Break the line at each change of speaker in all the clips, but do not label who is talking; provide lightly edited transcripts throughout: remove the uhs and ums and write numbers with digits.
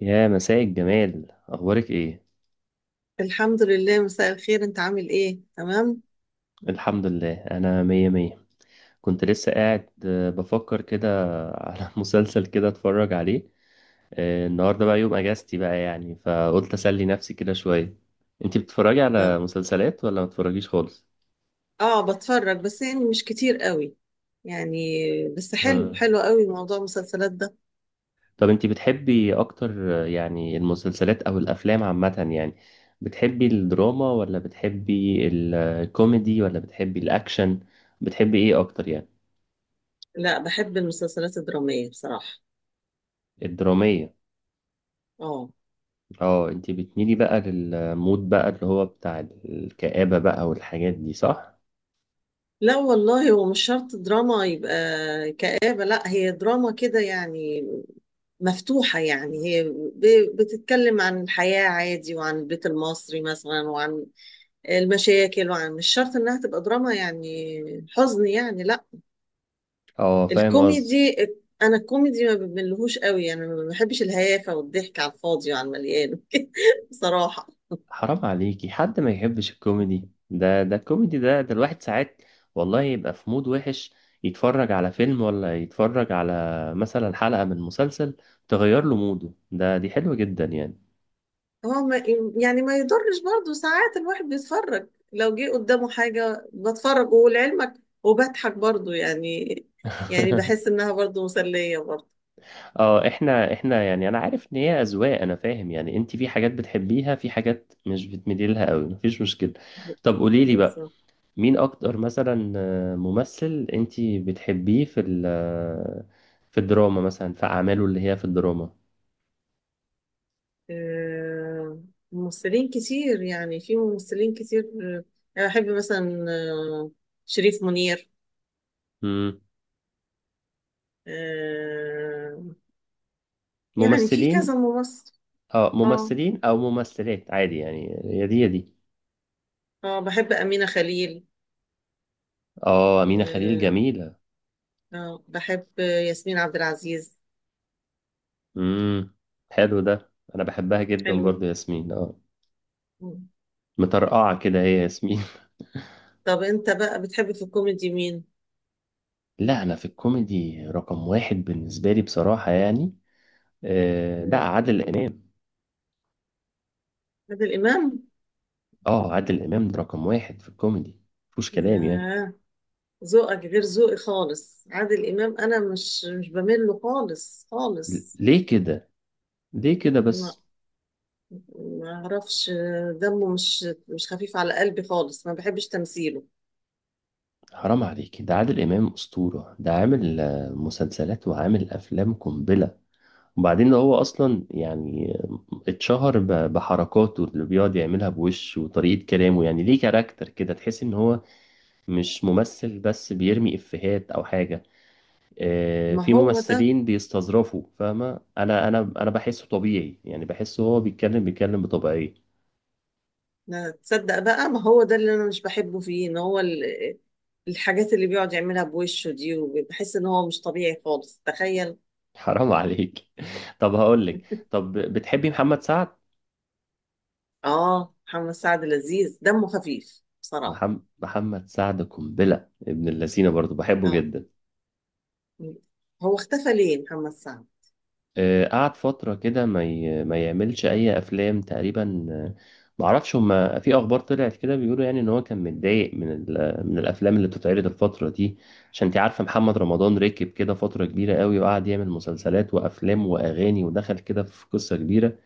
يا مساء الجمال، اخبارك ايه؟
الحمد لله. مساء الخير، انت عامل ايه؟ تمام.
الحمد لله، انا مية مية. كنت لسه قاعد، بفكر كده على مسلسل كده اتفرج عليه. النهارده بقى يوم اجازتي بقى، يعني فقلت اسلي نفسي كده شويه. انتي بتتفرجي على
اه.
مسلسلات ولا ما بتتفرجيش خالص؟
بتفرج بس يعني مش كتير قوي يعني. بس حلو،
آه.
حلو قوي موضوع المسلسلات ده.
طب انتي بتحبي اكتر، يعني المسلسلات او الافلام عامه يعني؟ بتحبي الدراما ولا بتحبي الكوميدي ولا بتحبي الاكشن؟ بتحبي ايه اكتر يعني؟
لا، بحب المسلسلات الدرامية بصراحة.
الدراميه؟
اه.
اه انت بتميلي بقى للمود بقى اللي هو بتاع الكآبة بقى والحاجات دي، صح؟
لا والله، هو مش شرط دراما يبقى كآبة. لا، هي دراما كده يعني، مفتوحة يعني هي. بتتكلم عن الحياة عادي، وعن البيت المصري مثلا، وعن المشاكل، وعن مش شرط انها تبقى دراما يعني حزن، يعني لا.
اه فاهم قصدي.
الكوميدي، انا الكوميدي ما بملهوش قوي، انا ما بحبش الهيافه والضحك على الفاضي وعلى المليان بصراحه.
حرام عليكي حد ما يحبش الكوميدي ده الكوميدي ده الواحد ساعات والله يبقى في مود وحش، يتفرج على فيلم ولا يتفرج على مثلا حلقة من مسلسل تغير له موده، ده دي حلوة جدا يعني.
هو ما يعني ما يضرش برضه، ساعات الواحد بيتفرج، لو جه قدامه حاجه بتفرج ولعلمك وبضحك برضه يعني. يعني بحس انها برضه مسليه برضه.
اه احنا يعني، انا عارف ان هي اذواق، انا فاهم يعني، انت في حاجات بتحبيها، في حاجات مش بتميلي لها قوي، مفيش مشكلة. طب قولي لي بقى،
بالظبط.
مين اكتر مثلا ممثل انتي بتحبيه في في الدراما مثلا، في اعماله اللي هي في الدراما.
آه، ممثلين كتير يعني، في ممثلين كتير آه، انا بحب مثلا شريف منير.
مم.
آه، يعني في كذا
ممثلين.
ممثل.
اه
اه.
ممثلين او ممثلات عادي يعني، هي دي هي دي.
اه، بحب أمينة خليل.
اه امينة خليل
آه.
جميلة.
آه، بحب ياسمين عبد العزيز.
امم حلو ده، انا بحبها جدا برضو
حلوين.
ياسمين، اه.
مم.
مطرقعة كده هي ياسمين.
طب انت بقى بتحب في الكوميدي مين؟
لا، انا في الكوميدي رقم واحد بالنسبة لي بصراحة، يعني لا،
مم.
عادل امام.
عادل إمام؟
اه عادل امام ده رقم واحد في الكوميدي، مفيش كلام يعني.
ياه، ذوقك غير ذوقي خالص. عادل إمام أنا مش بميل له خالص خالص.
ليه كده؟ ليه كده
لا،
بس؟
ما أعرفش. دمه مش خفيف على قلبي خالص، ما بحبش تمثيله.
حرام عليك، ده عادل امام اسطوره، ده عامل مسلسلات وعامل افلام قنبله. وبعدين ده هو اصلا يعني اتشهر بحركاته اللي بيقعد يعملها بوش وطريقه كلامه، يعني ليه كاركتر كده، تحس ان هو مش ممثل بس بيرمي افيهات او حاجه.
ما
في
هو ده.
ممثلين بيستظرفوا، فاهمه؟ انا بحسه طبيعي يعني، بحسه هو بيتكلم بطبيعيه.
لا تصدق بقى، ما هو ده اللي انا مش بحبه فيه، ان هو الحاجات اللي بيقعد يعملها بوشه دي، وبحس ان هو مش طبيعي خالص، تخيل.
حرام عليك. طب هقول لك، طب بتحبي محمد سعد؟
اه، محمد سعد لذيذ، دمه خفيف بصراحة.
محمد سعد قنبلة ابن اللذينة، برضو بحبه
اه،
جدا.
هو اختفى ليه محمد سعد؟
قعد فترة كده ما يعملش أي أفلام تقريبا. معرفش، هما في أخبار طلعت كده بيقولوا يعني إن هو كان متضايق من الأفلام اللي بتتعرض الفترة دي. عشان أنت عارفة، محمد رمضان ركب كده فترة كبيرة قوي، وقعد يعمل مسلسلات وأفلام وأغاني، ودخل كده في قصة كبيرة،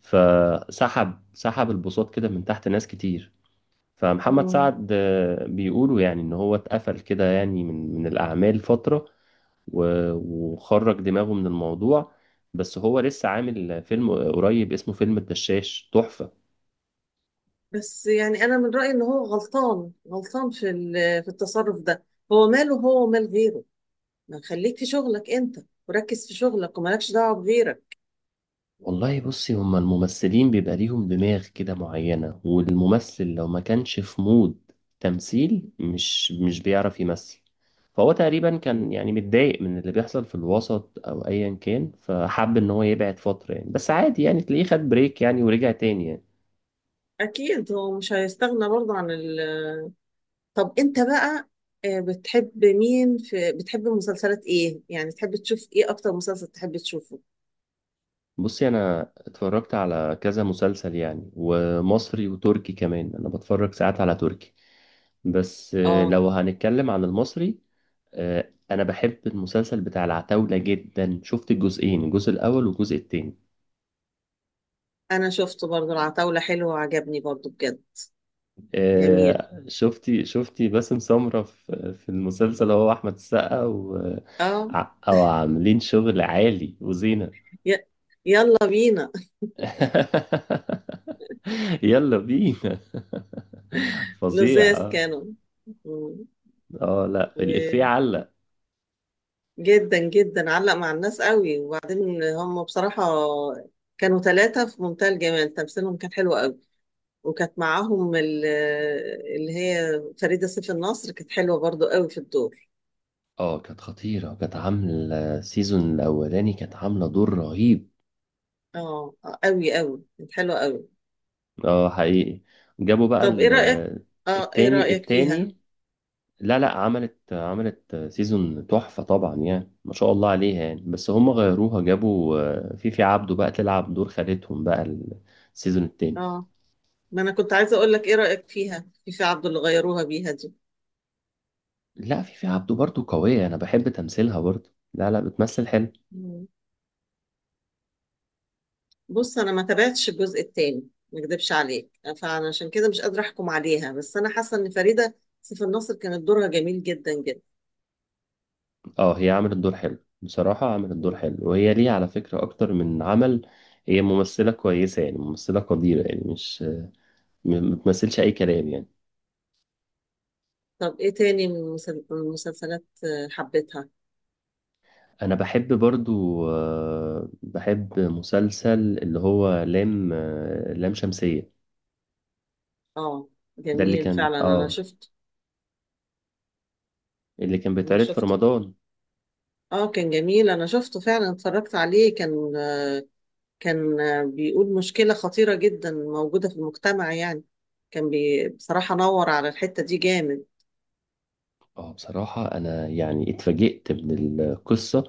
سحب البساط كده من تحت ناس كتير. فمحمد
مم.
سعد بيقولوا يعني ان هو اتقفل كده، يعني من الاعمال فترة، وخرج دماغه من الموضوع. بس هو لسه عامل فيلم قريب اسمه فيلم الدشاش، تحفة.
بس يعني انا من رأيي ان هو غلطان، غلطان في في التصرف ده. هو ماله هو ومال غيره؟ ما خليك في شغلك انت، وركز في شغلك ومالكش دعوة بغيرك.
والله بصي، هما الممثلين بيبقى ليهم دماغ كده معينة، والممثل لو ما كانش في مود تمثيل، مش بيعرف يمثل. فهو تقريبا كان
مم.
يعني متضايق من اللي بيحصل في الوسط او ايا كان، فحب ان هو يبعد فترة يعني، بس عادي يعني، تلاقيه خد بريك يعني ورجع تاني يعني.
اكيد هو مش هيستغنى برضه عن. طب انت بقى، بتحب مين في، بتحب مسلسلات ايه يعني، تحب تشوف ايه؟ اكتر مسلسل تحب تشوفه؟
بصي، انا اتفرجت على كذا مسلسل يعني، ومصري وتركي كمان، انا بتفرج ساعات على تركي، بس
اه،
لو هنتكلم عن المصري، انا بحب المسلسل بتاع العتاولة جدا. شفت الجزئين، الجزء الاول والجزء التاني.
انا شفته برضو العتاولة، حلو وعجبني برضو بجد. جميل.
شفتي باسم سمرة في المسلسل؟ هو احمد السقا و
اه.
او عاملين شغل عالي، وزينة.
ي- يلا بينا.
يلا بينا. فظيع.
لزاز كانوا. مم.
اه لا، الإفيه
وجدا،
علق.
جدا جدا علق مع الناس قوي. وبعدين هم بصراحة كانوا ثلاثة في منتهى الجمال، تمثيلهم كان حلو قوي. وكانت معاهم اللي هي فريدة سيف النصر كانت حلوة برضو قوي في الدور.
اه كانت خطيرة، كانت عاملة السيزون الأولاني كانت عاملة دور رهيب.
اه، آه، قوي قوي كانت حلوة قوي.
اه حقيقي. جابوا بقى
طب ايه رأيك؟ اه، ايه
التاني
رأيك فيها؟
التاني. لا لا، عملت سيزون تحفة طبعا يعني، ما شاء الله عليها يعني، بس هم غيروها، جابوا فيفي عبده بقى تلعب دور خالتهم بقى السيزون التاني.
اه، ما انا كنت عايزة اقول لك ايه رأيك فيها، في في عبد اللي غيروها بيها دي.
لا، فيفي عبده برضو قوية، أنا بحب تمثيلها برضو، لا لا، بتمثل حلو.
مم. بص، انا ما تابعتش الجزء التاني، ما اكدبش عليك، فانا عشان كده مش قادرة احكم عليها. بس انا حاسة ان فريدة سيف الناصر كانت دورها جميل جدا جدا.
اه هي عملت دور حلو بصراحة، عملت دور
مم.
حلو، وهي ليه على فكرة أكتر من عمل، هي ممثلة كويسة يعني، ممثلة قديرة يعني، مش ما بتمثلش أي كلام يعني.
طب ايه تاني من من المسلسلات حبيتها؟
أنا بحب برضو، بحب مسلسل اللي هو لام لام شمسية.
اه،
ده اللي
جميل
كان،
فعلا، انا
اه،
شفت.
اللي كان
انا
بيتعرض في
شفته.
رمضان.
اه، كان جميل، انا شفته فعلا، اتفرجت عليه، كان، كان بيقول مشكلة خطيرة جدا موجودة في المجتمع يعني. كان بي بصراحة نور على الحتة دي جامد.
اه بصراحة أنا يعني اتفاجئت من القصة،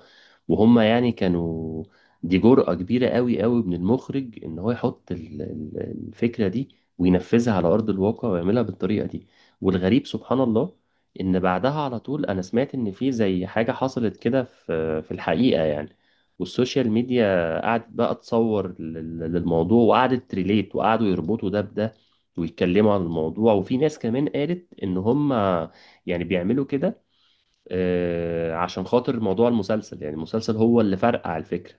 وهما يعني كانوا، دي جرأة كبيرة قوي قوي من المخرج إن هو يحط الفكرة دي، وينفذها على أرض الواقع ويعملها بالطريقة دي. والغريب سبحان الله، إن بعدها على طول أنا سمعت إن في زي حاجة حصلت كده في الحقيقة يعني. والسوشيال ميديا قعدت بقى تصور للموضوع، وقعدت تريليت، وقعدوا يربطوا ده بده، ويتكلموا عن الموضوع، وفي ناس كمان قالت إن هما يعني بيعملوا كده عشان خاطر موضوع المسلسل، يعني المسلسل هو اللي فرقع الفكرة.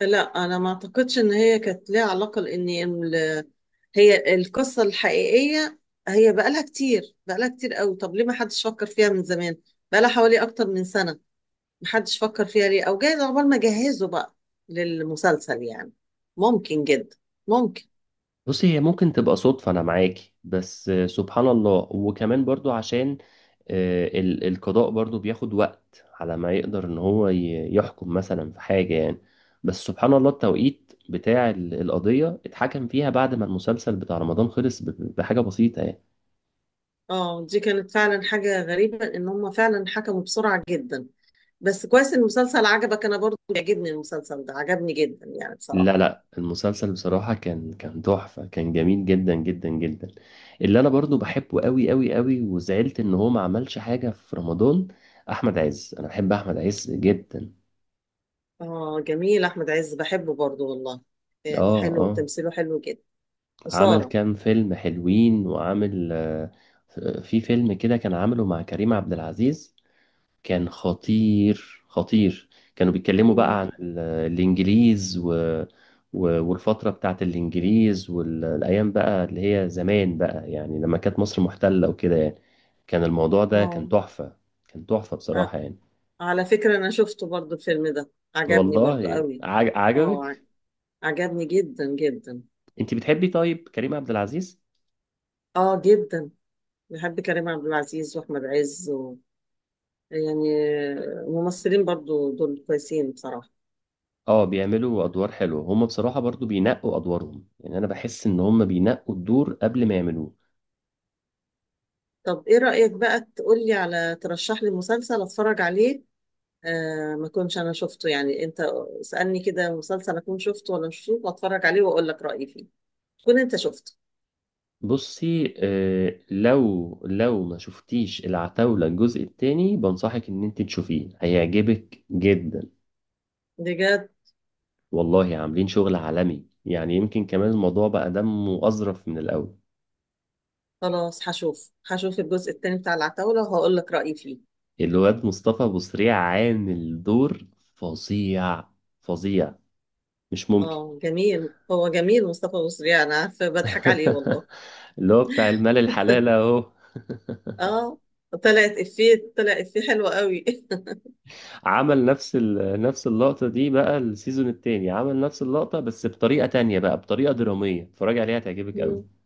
لا، أنا ما أعتقدش إن هي كانت ليها علاقة، لأن هي القصة الحقيقية هي بقالها كتير، بقالها كتير قوي. طب ليه ما حدش فكر فيها من زمان؟ بقالها حوالي أكتر من سنة، ما حدش فكر فيها ليه؟ أو جايز عقبال ما جهزوا بقى للمسلسل يعني. ممكن جدا، ممكن.
بصي، هي ممكن تبقى صدفة، أنا معاكي، بس سبحان الله، وكمان برضو عشان القضاء برضو بياخد وقت على ما يقدر إن هو يحكم مثلا في حاجة يعني. بس سبحان الله، التوقيت بتاع القضية اتحكم فيها بعد ما المسلسل بتاع رمضان خلص بحاجة بسيطة يعني.
اه، دي كانت فعلا حاجة غريبة، إن هم فعلا حكموا بسرعة جدا. بس كويس إن المسلسل عجبك، انا برضو بيعجبني المسلسل ده، عجبني جدا يعني بصراحة.
لا لا، المسلسل بصراحة كان تحفة، كان جميل جدا جدا جدا. اللي أنا برضو بحبه قوي قوي قوي، وزعلت إن هو ما عملش حاجة في رمضان، أحمد عز. أنا بحب أحمد عز جدا.
اه جميل، احمد عز بحبه برضو والله، يعني
آه
حلو،
آه
وتمثيله حلو جدا.
عمل
وسارة.
كام فيلم حلوين، وعامل في فيلم كده كان عامله مع كريم عبد العزيز، كان خطير خطير. كانوا بيتكلموا بقى
مم.
عن الإنجليز، والفترة بتاعت الإنجليز والأيام بقى اللي هي زمان بقى، يعني لما كانت مصر محتلة وكده يعني. كان الموضوع ده كان
اه،
تحفة، كان تحفة
آه،
بصراحة يعني.
على فكرة انا شفته برضو الفيلم ده، عجبني برضو
والله
قوي. اه،
عجبك؟
عجبني جدا جدا.
انت بتحبي طيب كريم عبد العزيز؟
اه جدا، بحب كريم عبد العزيز واحمد عز و... يعني ممثلين برضو دول كويسين بصراحة.
اه بيعملوا ادوار حلوه هم بصراحه، برضو بينقوا ادوارهم يعني، انا بحس ان هم بينقوا الدور قبل ما يعملوه.
طب ايه رأيك بقى تقولي على، ترشح لي مسلسل اتفرج عليه، آه ما كنتش انا شفته يعني. انت اسألني كده مسلسل اكون شفته ولا مش شفته، واتفرج عليه واقول لك رأيي فيه، تكون انت شفته.
بصي لو ما شفتيش العتاولة الجزء التاني، بنصحك ان انت تشوفيه، هيعجبك جدا.
بجد.
والله عاملين شغل عالمي يعني، يمكن كمان الموضوع بقى دمه أظرف من الأول.
خلاص، هشوف، هشوف الجزء التاني بتاع العتاولة وهقول لك رأيي فيه.
الواد مصطفى أبو سريع عامل دور فظيع، فظيع، مش ممكن.
اه جميل، هو جميل مصطفى مصري، انا عارفة بضحك عليه والله.
اللي هو بتاع المال الحلال اهو.
اه، طلعت افيه، طلع افيه حلو قوي.
عمل نفس نفس اللقطة دي بقى السيزون التاني، عمل نفس اللقطة بس بطريقة تانية بقى، بطريقة درامية، اتفرج عليها تعجبك
مم.
قوي.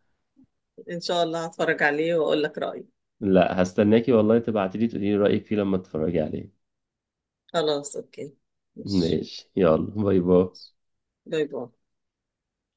ان شاء الله هتفرج عليه واقول لك رأيي.
لا هستناكي والله، تبعتيلي تقولي لي رأيك فيه لما تتفرجي عليه.
خلاص، اوكي. ماشي.
ماشي، يلا باي باي.
ماشي، باي باي.